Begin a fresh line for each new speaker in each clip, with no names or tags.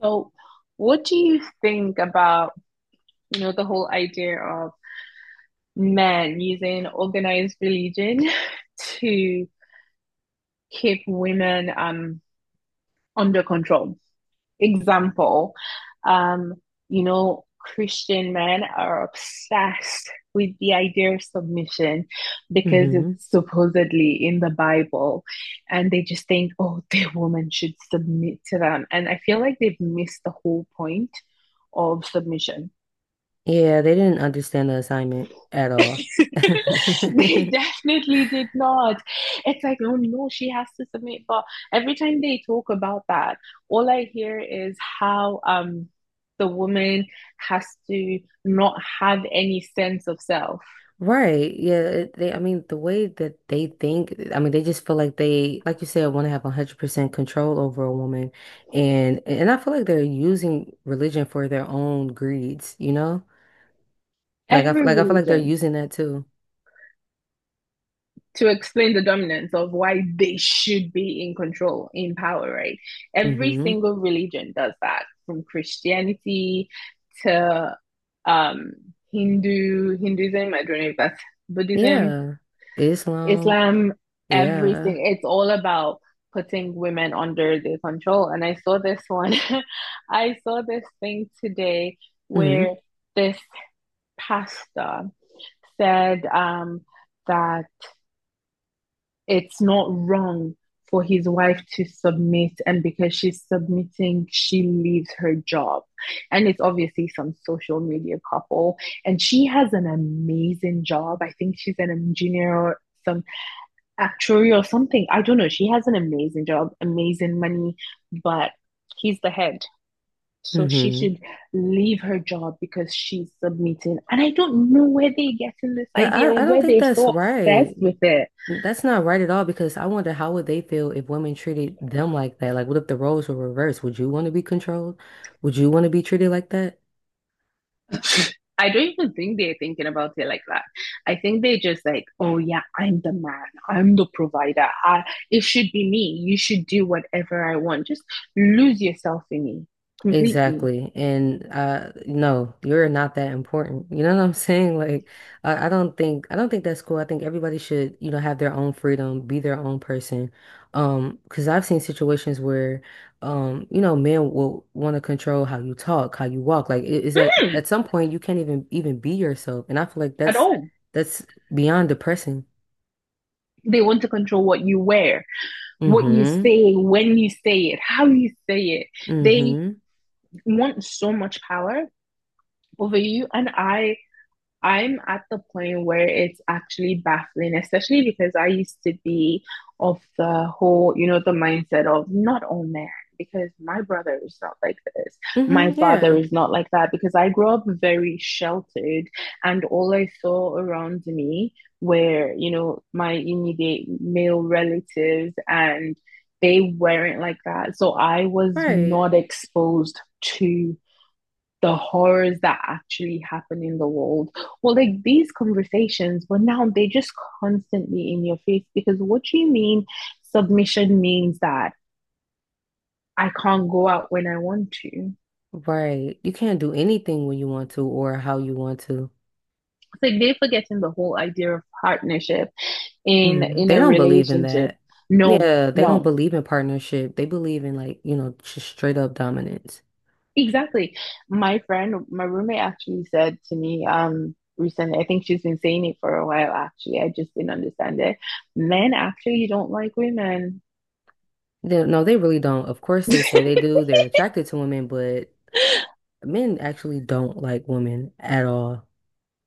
So, what do you think about, you know, the whole idea of men using organized religion to keep women under control? Example, um, you know, Christian men are obsessed with the idea of submission because it's
Hmm.
supposedly in the Bible, and they just think, oh, the woman should submit to them. And I feel like they've missed the whole point of submission.
Yeah, they didn't understand the assignment at all.
They definitely did not. It's like, oh no, she has to submit. But every time they talk about that, all I hear is how the woman has to not have any sense of self.
Right. Yeah, it- they I mean the way that they think, they just feel like they like you said, want to have 100% control over a woman, and I feel like they're using religion for their own greeds, you know? Like I f-
Every
like I feel like they're
religion
using that too.
to explain the dominance of why they should be in control, in power, right? Every
Mhm.
single religion does that, from Christianity to um, Hindu, Hinduism, I don't know if that's Buddhism,
Yeah. Islam.
Islam,
Yeah.
everything. It's all about putting women under their control. And I saw this one, I saw this thing today
Mhm.
where this pastor said that it's not wrong for his wife to submit, and because she's submitting, she leaves her job. And it's obviously some social media couple, and she has an amazing job. I think she's an engineer or some actuary or something. I don't know. She has an amazing job, amazing money, but he's the head. So she
Mhm.
should leave her job because she's submitting. And I don't know where they're getting this
Yeah,
idea,
I don't
where
think
they're
that's
so
right.
obsessed with it.
That's not right at all, because I wonder, how would they feel if women treated them like that? Like, what if the roles were reversed? Would you want to be controlled? Would you want to be treated like that?
I don't even think they're thinking about it like that. I think they just like, oh yeah, I'm the man. I'm the provider. I, it should be me. You should do whatever I want. Just lose yourself in me completely.
Exactly. And no, you're not that important. You know what I'm saying? Like I don't think, I don't think that's cool. I think everybody should, you know, have their own freedom, be their own person. Because I've seen situations where you know, men will want to control how you talk, how you walk. Like it is that at
Mhm.
some point you can't even be yourself. And I feel like
At all.
that's beyond depressing.
They want to control what you wear, what you
Mm-hmm.
say, when you say it, how you say it. They
Mm-hmm.
want so much power over you. And I'm at the point where it's actually baffling, especially because I used to be of the whole, you know, the mindset of not all men, because my brother is not like this. My
Mm-hmm.
father
Yeah.
is not like that, because I grew up very sheltered and all I saw around me were, you know, my immediate male relatives and they weren't like that. So I was
Right.
not exposed to the horrors that actually happen in the world. Well, like these conversations, but now they're just constantly in your face because what do you mean submission means that I can't go out when I want to? It's
Right. You can't do anything when you want to or how you want to.
like they're forgetting the whole idea of partnership in
Mm, they
a
don't believe in
relationship.
that.
No,
Yeah, they don't
no.
believe in partnership. They believe in, like, you know, just straight up dominance.
Exactly. My friend, my roommate actually said to me, recently. I think she's been saying it for a while, actually. I just didn't understand it. Men actually don't like women.
No, they really don't. Of course they say they do. They're attracted to women, but men actually don't like women at all.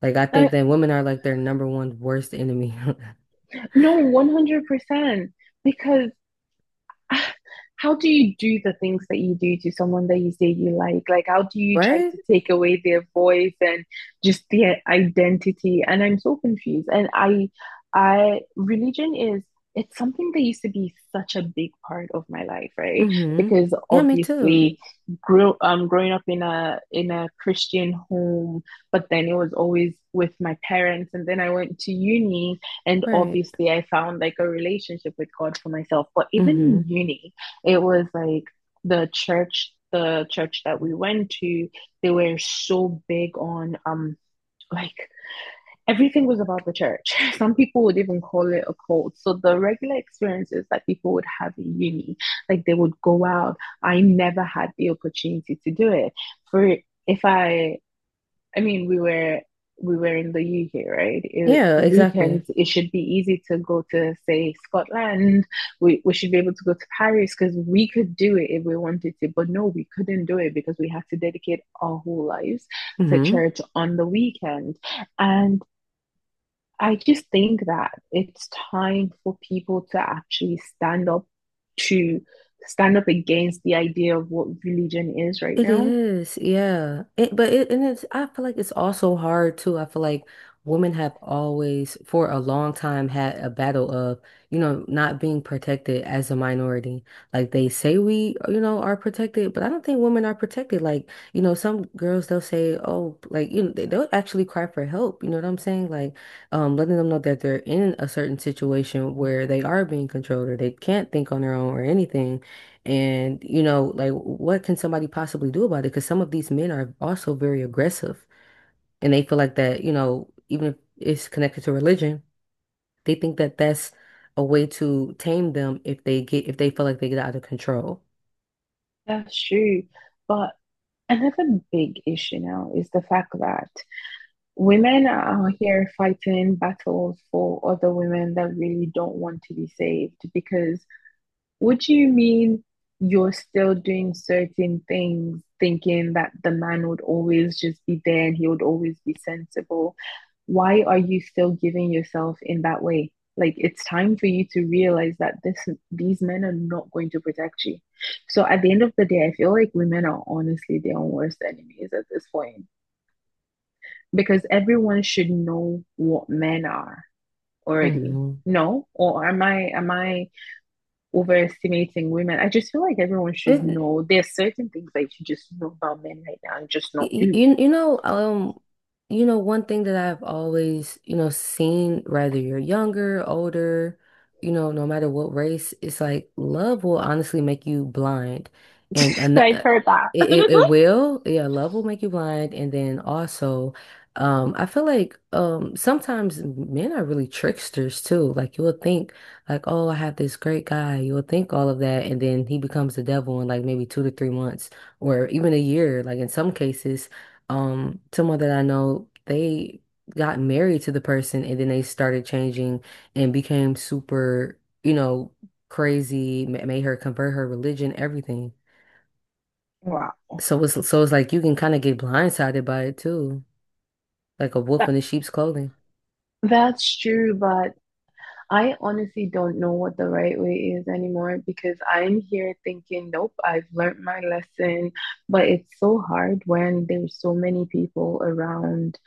Like, I
Uh,
think that women are like their number one worst enemy.
no, 100%. Because uh, how do you do the things that you do to someone that you say you like? Like, how do you try
Right?
to take away their voice and just their identity? And I'm so confused. Religion is, it's something that used to be such a big part of my life, right?
Mm-hmm.
Because
Yeah, me too.
obviously, grew growing up in a Christian home, but then it was always with my parents, and then I went to uni. And
Right.
obviously, I found like a relationship with God for myself. But even
Mm-hmm.
in uni, it was like the church that we went to, they were so big on like everything was about the church. Some people would even call it a cult. So the regular experiences that people would have in uni, like they would go out. I never had the opportunity to do it. For if I I mean, we were in the UK, right? It,
Yeah, exactly.
weekends, it should be easy to go to, say, Scotland. We should be able to go to Paris because we could do it if we wanted to. But no, we couldn't do it because we had to dedicate our whole lives to
Mm-hmm.
church on the weekend. And I just think that it's time for people to actually stand up to stand up against the idea of what religion is right
It
now.
is, yeah. It, but it, and it's, I feel like it's also hard too. I feel like women have always, for a long time, had a battle of, you know, not being protected as a minority. Like, they say we, you know, are protected, but I don't think women are protected. Like, you know, some girls, they'll say, oh, like, you know, they'll actually cry for help. You know what I'm saying? Like, letting them know that they're in a certain situation where they are being controlled or they can't think on their own or anything. And, you know, like, what can somebody possibly do about it? Because some of these men are also very aggressive, and they feel like that, you know, even if it's connected to religion, they think that that's a way to tame them if they get, if they feel like they get out of control.
That's true. But another big issue now is the fact that women are out here fighting battles for other women that really don't want to be saved because would you mean you're still doing certain things, thinking that the man would always just be there and he would always be sensible? Why are you still giving yourself in that way? Like it's time for you to realize that this these men are not going to protect you. So at the end of the day, I feel like women are honestly their own worst enemies at this point because everyone should know what men are already.
Mhm.
No, or am I overestimating women. I just feel like everyone should know there's certain things that you should just know about men right now and just not do.
You know, you know, one thing that I've always, you know, seen, whether you're younger, older, you know, no matter what race, it's like love will honestly make you blind. And an
I've heard that.
it will, yeah, love will make you blind. And then also, I feel like sometimes men are really tricksters too. Like, you'll think like, oh, I have this great guy. You'll think all of that, and then he becomes the devil in like maybe 2 to 3 months or even a year. Like, in some cases, someone that I know, they got married to the person and then they started changing and became super, you know, crazy, made her convert her religion, everything.
Wow.
So it's like you can kind of get blindsided by it too, like a wolf
That,
in a sheep's clothing.
that's true, but I honestly don't know what the right way is anymore because I'm here thinking, nope, I've learned my lesson. But it's so hard when there's so many people around.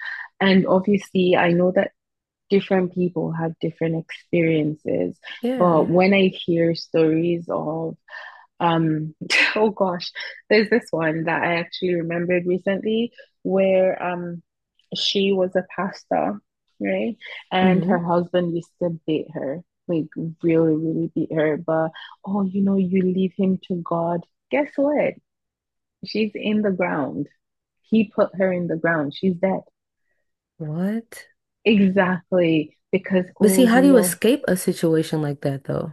And obviously, I know that different people have different experiences. But
Yeah.
when I hear stories of um, oh gosh, there's this one that I actually remembered recently where she was a pastor, right? And her
Hmm.
husband used to beat her, like really, really beat her. But oh, you know, you leave him to God. Guess what? She's in the ground. He put her in the ground. She's dead.
What?
Exactly. Because,
But see,
oh,
how
you
do you
know,
escape a situation like that though?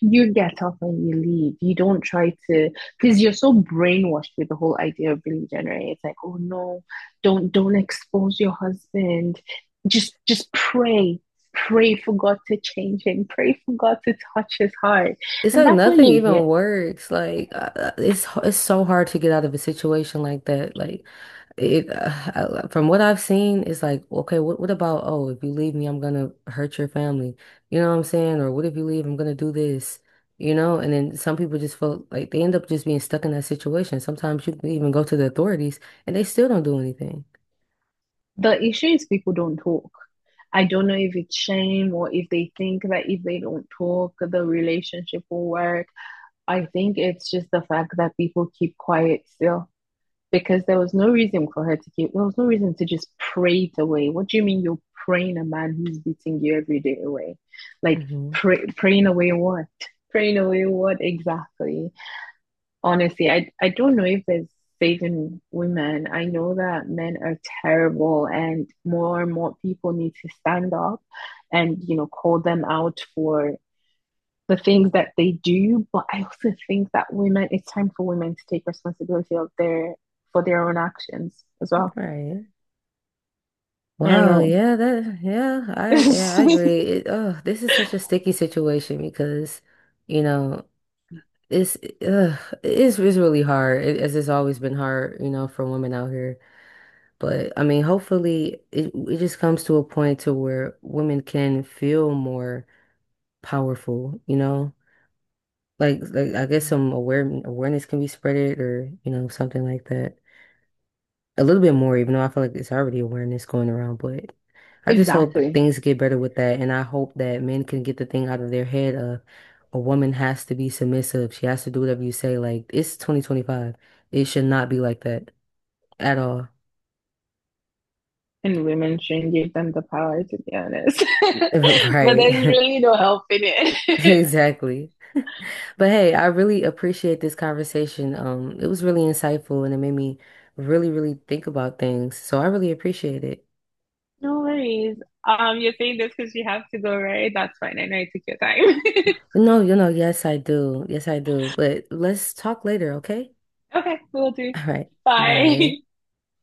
you get up and you leave. You don't try to, because you're so brainwashed with the whole idea of religion, right? It's like, oh no, don't expose your husband. Just pray. Pray for God to change him. Pray for God to touch his heart.
It's
And
like
that's what
nothing
you hear.
even works. Like it's so hard to get out of a situation like that. Like it I- from what I've seen, it's like, okay, what about, oh, if you leave me, I'm gonna hurt your family. You know what I'm saying? Or, what if you leave, I'm gonna do this. You know? And then some people just feel like they end up just being stuck in that situation. Sometimes you can even go to the authorities and they still don't do anything.
The issue is people don't talk. I don't know if it's shame or if they think that if they don't talk, the relationship will work. I think it's just the fact that people keep quiet still because there was no reason for her to keep, there was no reason to just pray it away. What do you mean you're praying a man who's beating you every day away? Like,
Hmm.
praying away what? Praying away what exactly? Honestly, I don't know if there's saving women. I know that men are terrible and more people need to stand up and, you know, call them out for the things that they do. But I also think that women, it's time for women to take responsibility of their for their own actions as well.
Right.
I don't
Wow,
know.
yeah, that yeah, I agree. Oh, this is such a sticky situation because, you know, it's uh, it's really hard, as it's always been hard, you know, for women out here. But I mean, hopefully it just comes to a point to where women can feel more powerful, you know? Like I guess some awareness can be spreaded, or, you know, something like that, a little bit more, even though I feel like it's already awareness going around. But I just hope
Exactly.
things get better with that, and I hope that men can get the thing out of their head of a woman has to be submissive. She has to do whatever you say. Like, it's 2025. It should not be like that at all.
And women shouldn't give them the power, to be honest. But there's
Right.
really no help in it.
Exactly. But hey, I really appreciate this conversation. It was really insightful and it made me really, really think about things. So I really appreciate it.
No worries. You're saying this because you have to go, right? That's fine. I know you took your time.
No, you know, yes, I do. Yes, I do. But let's talk later, okay?
Okay, we'll do.
All right.
Bye.
Bye.